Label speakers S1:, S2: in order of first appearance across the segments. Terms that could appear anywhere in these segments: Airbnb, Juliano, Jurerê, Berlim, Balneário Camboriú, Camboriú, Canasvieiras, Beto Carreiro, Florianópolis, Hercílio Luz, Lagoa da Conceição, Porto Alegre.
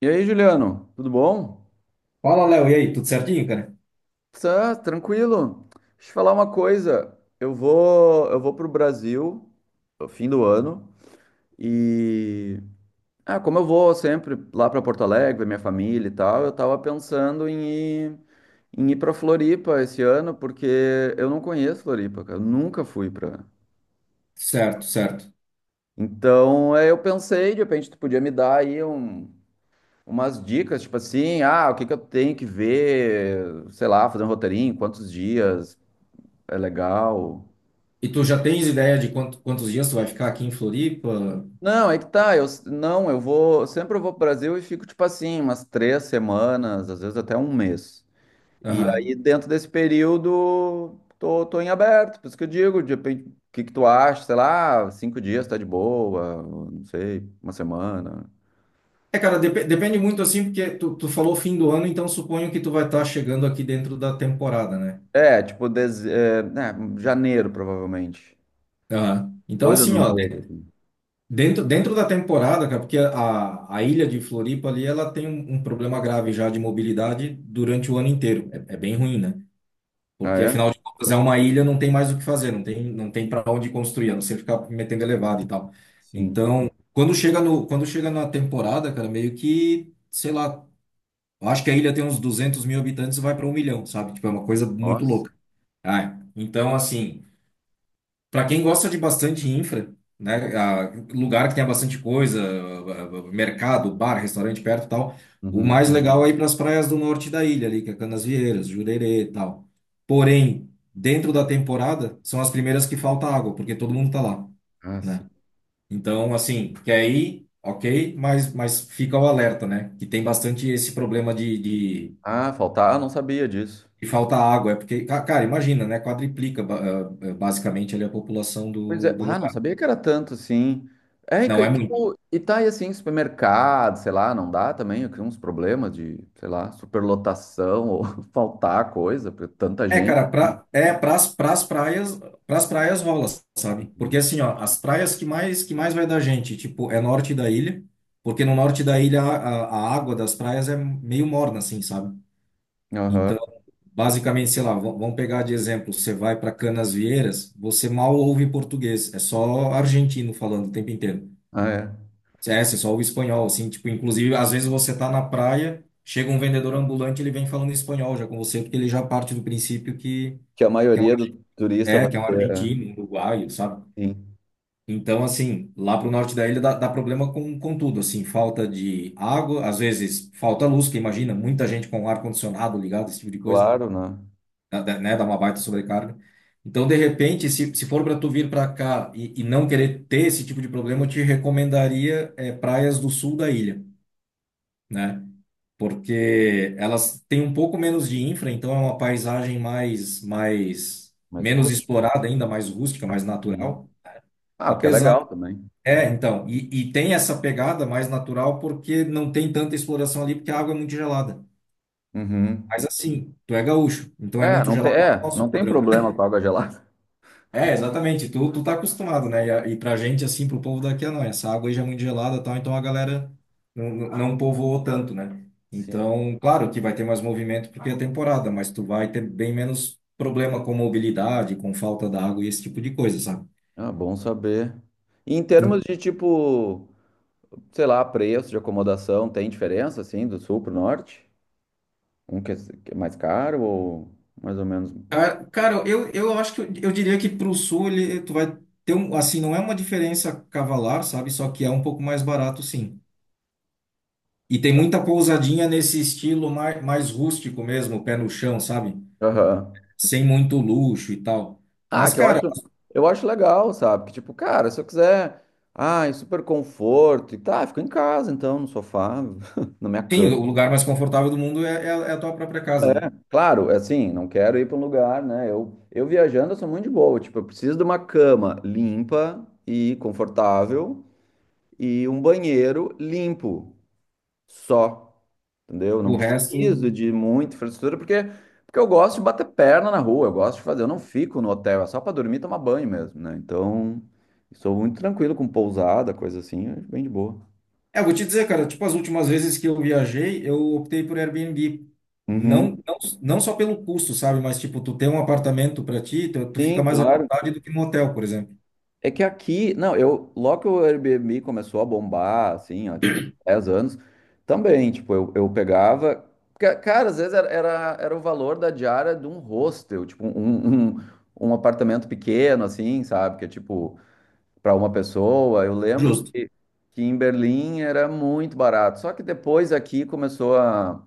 S1: E aí, Juliano, tudo bom?
S2: Fala, Léo, e aí, tudo certinho, cara?
S1: Tá, tranquilo. Deixa eu te falar uma coisa. Eu vou pro Brasil no fim do ano e como eu vou sempre lá para Porto Alegre, ver minha família e tal, eu tava pensando ir, em ir para Floripa esse ano porque eu não conheço Floripa, cara. Eu nunca fui pra.
S2: Certo, certo.
S1: Então, é, eu pensei, de repente tu podia me dar aí umas dicas, tipo assim, ah, o que que eu tenho que ver, sei lá, fazer um roteirinho, quantos dias. É legal.
S2: E tu já tens ideia de quantos dias tu vai ficar aqui em Floripa?
S1: Não, é que tá. Eu, não, eu vou. Sempre eu vou pro Brasil e fico, tipo assim, umas 3 semanas, às vezes até um mês. E
S2: Aham.
S1: aí, dentro desse período, tô em aberto. Por isso que eu digo, de repente, o que que tu acha? Sei lá, 5 dias tá de boa, não sei, uma semana.
S2: É, cara, depende muito assim, porque tu falou fim do ano, então suponho que tu vai estar chegando aqui dentro da temporada, né?
S1: É, tipo, é, né, janeiro, provavelmente.
S2: Aham. Então,
S1: Depois do
S2: assim,
S1: ano
S2: ó,
S1: novo, assim.
S2: dentro da temporada, cara, porque a ilha de Floripa ali, ela tem um problema grave já de mobilidade durante o ano inteiro. É bem ruim, né?
S1: Ah,
S2: Porque,
S1: é?
S2: afinal de contas, é uma ilha, não tem mais o que fazer, não tem para onde construir, a não ser ficar metendo elevado e tal.
S1: Sim.
S2: Então, quando chega no, quando chega na temporada, cara, meio que, sei lá, eu acho que a ilha tem uns 200 mil habitantes e vai para 1 milhão, sabe? Tipo, é uma coisa muito
S1: Nossa.
S2: louca. Ah, então, assim. Para quem gosta de bastante infra, né, lugar que tenha bastante coisa, mercado, bar, restaurante perto e tal, o
S1: Uhum.
S2: mais legal é ir para as praias do norte da ilha ali, que é Canasvieiras, Jurerê e tal. Porém, dentro da temporada, são as primeiras que falta água, porque todo mundo tá lá,
S1: Ah, sim.
S2: né? Então, assim, quer ir, ok, mas, fica o alerta, né? Que tem bastante esse problema de, de,
S1: Ah, faltar. Ah, não sabia disso.
S2: de falta água. É porque, cara, imagina, né? Quadriplica basicamente ali a população
S1: Pois é,
S2: do
S1: ah, não
S2: lugar.
S1: sabia que era tanto, assim. É, e,
S2: Não é muito.
S1: tipo, e tá aí assim, supermercado, sei lá, não dá também, eu crio uns problemas de, sei lá, superlotação ou faltar coisa, porque tanta
S2: É,
S1: gente,
S2: cara,
S1: assim.
S2: é pras praias rola, sabe? Porque assim, ó, as praias que mais vai da gente, tipo, é norte da ilha, porque no norte da ilha a água das praias é meio morna, assim, sabe?
S1: Aham,
S2: Então, basicamente, sei lá, vamos pegar de exemplo, você vai para Canasvieiras, você mal ouve português, é só argentino falando o tempo inteiro.
S1: ah, é.
S2: É, você só ouve espanhol, assim, tipo, inclusive, às vezes você tá na praia, chega um vendedor ambulante, ele vem falando espanhol já com você, porque ele já parte do princípio que
S1: Que a maioria do turista
S2: é,
S1: vai
S2: que é um
S1: ter, é,
S2: argentino, um uruguaio, sabe?
S1: sim,
S2: Então, assim, lá pro norte da ilha dá problema com tudo, assim, falta de água, às vezes falta luz, que imagina, muita gente com ar-condicionado ligado, esse tipo de coisa,
S1: claro, né?
S2: né, dá uma baita sobrecarga. Então, de repente, se for para tu vir para cá e não querer ter esse tipo de problema, eu te recomendaria praias do sul da ilha, né? Porque elas têm um pouco menos de infra, então é uma paisagem mais
S1: Mas
S2: menos
S1: rústico.
S2: explorada ainda, mais rústica, mais
S1: Uhum.
S2: natural.
S1: Ah, o que é
S2: Apesar,
S1: legal também.
S2: é, então, e tem essa pegada mais natural porque não tem tanta exploração ali, porque a água é muito gelada.
S1: Uhum.
S2: Mas assim, tu é gaúcho, então é muito gelado pro
S1: É,
S2: nosso
S1: não tem
S2: padrão.
S1: problema com água gelada.
S2: É, exatamente, tu tá acostumado, né? E pra gente, assim, pro povo daqui, ah, não, essa água aí já é muito gelada e tal, então a galera não povoou tanto, né?
S1: Sim.
S2: Então, claro que vai ter mais movimento porque é temporada, mas tu vai ter bem menos problema com mobilidade, com falta da água e esse tipo de coisa, sabe?
S1: Ah, bom saber. E em termos de tipo. Sei lá, preço de acomodação tem diferença, assim, do sul pro norte? Um que é mais caro ou mais ou menos.
S2: Cara, eu acho que eu diria que para o sul ele, tu vai ter um, assim, não é uma diferença cavalar, sabe? Só que é um pouco mais barato, sim. E tem muita pousadinha nesse estilo mais rústico mesmo, pé no chão, sabe?
S1: Aham.
S2: Sem muito luxo e tal.
S1: Ah,
S2: Mas,
S1: que eu
S2: cara,
S1: acho, eu acho legal, sabe? Que tipo, cara, se eu quiser, ai, super conforto e tá, fico em casa então, no sofá, na minha
S2: sim,
S1: cama.
S2: o lugar mais confortável do mundo é a tua própria casa, né?
S1: Claro, é assim, não quero ir para um lugar, né? Eu viajando, eu sou muito de boa. Tipo, eu preciso de uma cama limpa e confortável e um banheiro limpo. Só. Entendeu? Não
S2: O resto.
S1: preciso de muita infraestrutura, porque eu gosto de bater perna na rua, eu gosto de fazer, eu não fico no hotel, é só para dormir e tomar banho mesmo, né? Então, sou muito tranquilo com pousada, coisa assim, é bem de boa.
S2: É, eu vou te dizer, cara, tipo, as últimas vezes que eu viajei, eu optei por Airbnb. Não,
S1: Uhum.
S2: não, não só pelo custo, sabe? Mas, tipo, tu ter um apartamento para ti, tu fica
S1: Sim,
S2: mais à
S1: claro.
S2: vontade do que num hotel, por exemplo.
S1: É que aqui, não, eu, logo que o Airbnb começou a bombar, assim, ó, tipo, 10 anos, também, tipo, eu pegava, cara, às vezes era o valor da diária de um hostel, tipo, um apartamento pequeno, assim, sabe, que é tipo, para uma pessoa. Eu lembro
S2: Justo.
S1: que em Berlim era muito barato. Só que depois aqui começou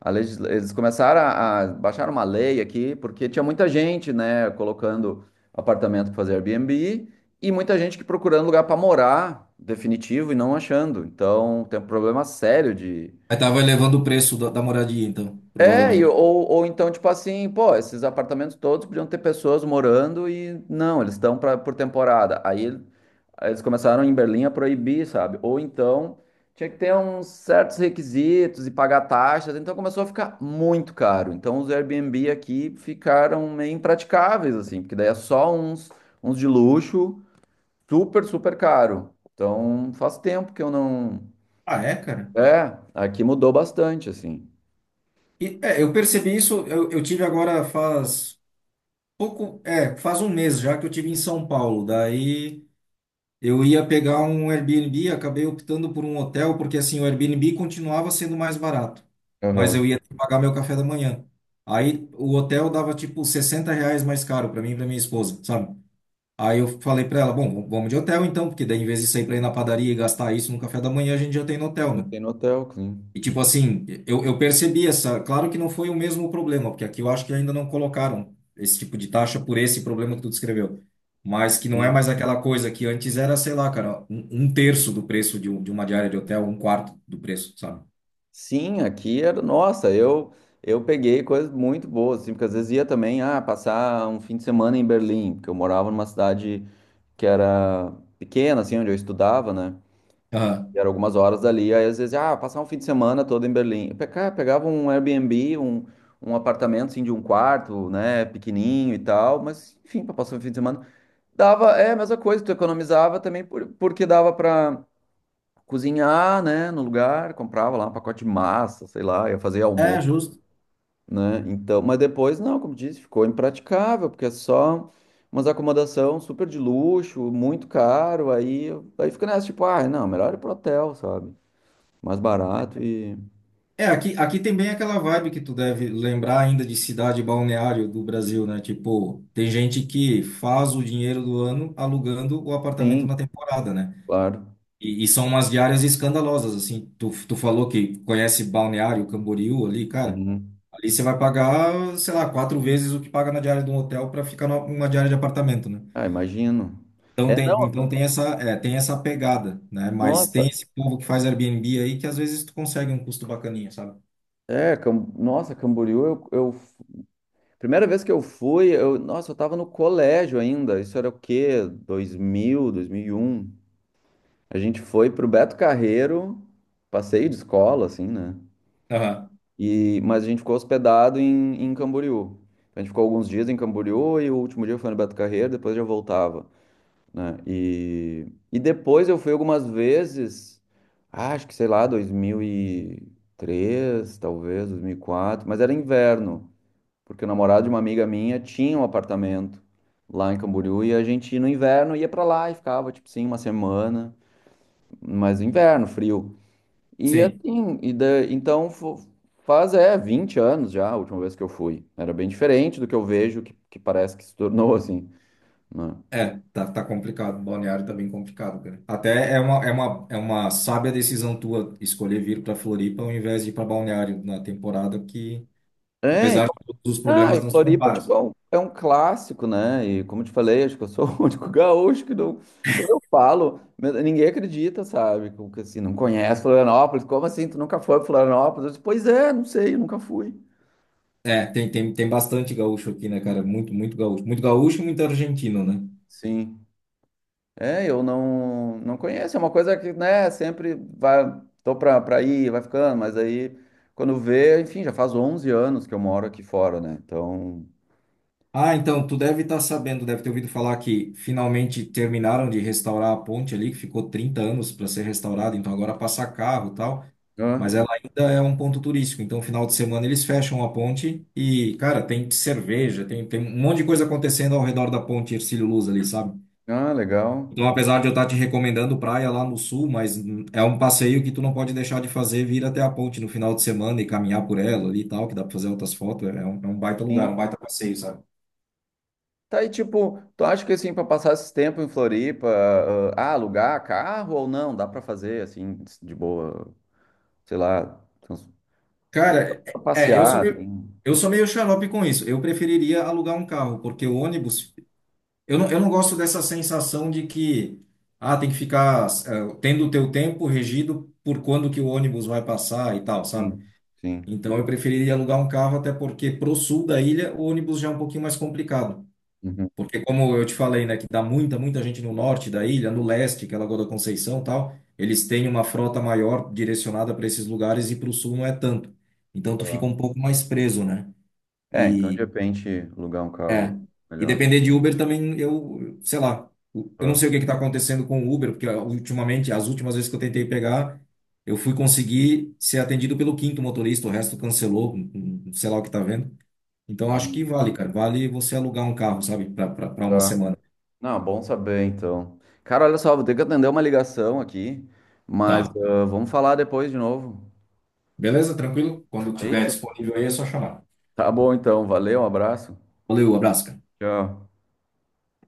S1: a legisla... eles começaram a baixar uma lei aqui, porque tinha muita gente, né, colocando apartamento para fazer Airbnb e muita gente que procurando lugar para morar definitivo e não achando. Então, tem um problema sério de.
S2: Aí tava elevando o preço da moradia, então,
S1: É,
S2: provavelmente.
S1: ou então, tipo assim, pô, esses apartamentos todos podiam ter pessoas morando e não, eles estão pra, por temporada. Aí eles começaram em Berlim a proibir, sabe? Ou então tinha que ter uns certos requisitos e pagar taxas, então começou a ficar muito caro. Então os Airbnb aqui ficaram meio impraticáveis, assim, porque daí é só uns de luxo, super, super caro. Então faz tempo que eu não.
S2: Ah, é, cara?
S1: É, aqui mudou bastante, assim.
S2: Eu percebi isso, eu tive agora faz pouco, faz um mês já que eu tive em São Paulo. Daí. Eu ia pegar um Airbnb, acabei optando por um hotel, porque assim, o Airbnb continuava sendo mais barato, mas eu
S1: Aham.
S2: ia ter que pagar meu café da manhã. Aí o hotel dava tipo R$ 60 mais caro para mim e para minha esposa, sabe? Aí eu falei para ela, bom, vamos de hotel então, porque daí em vez de sair para ir na padaria e gastar isso no café da manhã, a gente já tem no hotel, né?
S1: Botei no hotel, sim.
S2: E tipo assim, eu percebi essa. Claro que não foi o mesmo problema, porque aqui eu acho que ainda não colocaram esse tipo de taxa por esse problema que tu descreveu. Mas que não é
S1: Sim,
S2: mais aquela coisa que antes era, sei lá, cara, um, terço do preço de uma diária de hotel, um quarto do preço, sabe?
S1: sim, aqui era, nossa, eu peguei coisas muito boas, assim, porque às vezes ia também, ah, passar um fim de semana em Berlim, porque eu morava numa cidade que era pequena, assim, onde eu estudava, né?
S2: Aham.
S1: E era algumas horas dali, aí às vezes, ah, passar um fim de semana todo em Berlim. Eu pegava um Airbnb, um apartamento, assim, de um quarto, né, pequenininho e tal, mas, enfim, para passar um fim de semana. Dava, é a mesma coisa, tu economizava também, porque dava para cozinhar, né, no lugar, comprava lá um pacote de massa, sei lá, ia fazer
S2: É,
S1: almoço,
S2: justo.
S1: né? Então, mas depois não, como disse, ficou impraticável, porque é só umas acomodação super de luxo, muito caro, aí fica nessa tipo, ah, não, melhor ir pro hotel, sabe? Mais barato e
S2: É, aqui tem bem aquela vibe que tu deve lembrar ainda de cidade balneário do Brasil, né? Tipo, tem gente que faz o dinheiro do ano alugando o apartamento
S1: sim,
S2: na temporada, né?
S1: claro.
S2: E são umas diárias escandalosas, assim. Tu falou que conhece Balneário Camboriú ali, cara.
S1: Uhum.
S2: Ali você vai pagar, sei lá, quatro vezes o que paga na diária de um hotel para ficar numa diária de apartamento, né?
S1: Ah, imagino. É, não,
S2: Tem essa pegada, né? Mas tem
S1: nossa,
S2: esse povo que faz Airbnb aí que às vezes tu consegue um custo bacaninha, sabe?
S1: é, nossa, Camboriú, eu Primeira vez que eu fui, eu, nossa, eu tava no colégio ainda. Isso era o quê? 2000, 2001. A gente foi pro Beto Carreiro, passeio de escola, assim, né?
S2: Aham,
S1: E, mas a gente ficou hospedado em Camboriú. A gente ficou alguns dias em Camboriú e o último dia foi no Beto Carreiro, depois já voltava, né? E depois eu fui algumas vezes, acho que sei lá, 2003, talvez, 2004. Mas era inverno, porque o namorado de uma amiga minha tinha um apartamento lá em Camboriú e a gente no inverno ia pra lá e ficava, tipo, sim, uma semana, mas inverno, frio. E
S2: sim.
S1: assim, e então faz é 20 anos já a última vez que eu fui. Era bem diferente do que eu vejo que parece que se tornou assim, né?
S2: É, tá complicado. Balneário tá bem complicado, cara. Até é uma, sábia decisão tua escolher vir pra Floripa ao invés de ir pra Balneário na temporada que
S1: É, e,
S2: apesar de todos os
S1: e
S2: problemas, não se
S1: Floripa,
S2: compara,
S1: tipo,
S2: sabe?
S1: é um, clássico, né? E como eu te falei, acho que eu sou o único gaúcho que não. Quando eu falo, ninguém acredita, sabe? Como que assim, não conhece Florianópolis? Como assim? Tu nunca foi pra Florianópolis? Eu disse, pois é, não sei, eu nunca fui.
S2: É, tem bastante gaúcho aqui, né, cara? Muito, muito gaúcho. Muito gaúcho e muito argentino, né?
S1: Sim. É, eu não, não conheço. É uma coisa que, né, sempre vai, tô pra ir, vai ficando, mas aí quando vê, enfim, já faz 11 anos que eu moro aqui fora, né? Então,
S2: Ah, então, tu deve estar sabendo, deve ter ouvido falar que finalmente terminaram de restaurar a ponte ali, que ficou 30 anos para ser restaurada, então agora passa carro e tal, mas
S1: ah,
S2: ela ainda é um ponto turístico, então final de semana eles fecham a ponte e, cara, tem cerveja, tem um monte de coisa acontecendo ao redor da ponte Hercílio Luz ali, sabe?
S1: legal.
S2: Então, apesar de eu estar te recomendando praia lá no sul, mas é um passeio que tu não pode deixar de fazer, vir até a ponte no final de semana e caminhar por ela ali e tal, que dá para fazer outras fotos. É um baita lugar,
S1: Sim.
S2: um baita passeio, sabe?
S1: Tá aí, tipo, tu acha que assim, pra passar esse tempo em Floripa, alugar carro ou não? Dá pra fazer, assim, de boa, sei lá, trans-
S2: Cara,
S1: pra
S2: é, eu sou
S1: passear,
S2: meio,
S1: assim.
S2: eu sou meio xarope com isso. Eu preferiria alugar um carro, porque o ônibus, eu não gosto dessa sensação de que, ah, tem que ficar, tendo o teu tempo regido por quando que o ônibus vai passar e tal, sabe?
S1: Sim, sim.
S2: Então, eu preferiria alugar um carro, até porque pro sul da ilha o ônibus já é um pouquinho mais complicado.
S1: Uhum,
S2: Porque como eu te falei, né, que dá muita, muita gente no norte da ilha, no leste, que é Lagoa da Conceição e tal, eles têm uma frota maior direcionada para esses lugares e para o sul não é tanto. Então tu fica um
S1: tá.
S2: pouco mais preso, né?
S1: É, então de
S2: E
S1: repente alugar um
S2: é,
S1: carro
S2: e
S1: melhor.
S2: depender de Uber também eu, sei lá, eu não
S1: Tá.
S2: sei o que que tá acontecendo com o Uber, porque ultimamente, as últimas vezes que eu tentei pegar, eu fui conseguir ser atendido pelo quinto motorista, o resto cancelou, sei lá o que tá vendo. Então acho que
S1: Uhum.
S2: vale, cara, vale você alugar um carro, sabe, para uma semana.
S1: Não, bom saber então. Cara, olha só, vou ter que atender uma ligação aqui, mas
S2: Tá.
S1: vamos falar depois de novo.
S2: Beleza? Tranquilo? Quando tiver
S1: Feito?
S2: disponível aí é só chamar.
S1: Tá bom então, valeu, um abraço.
S2: Valeu, abraço, cara.
S1: Tchau.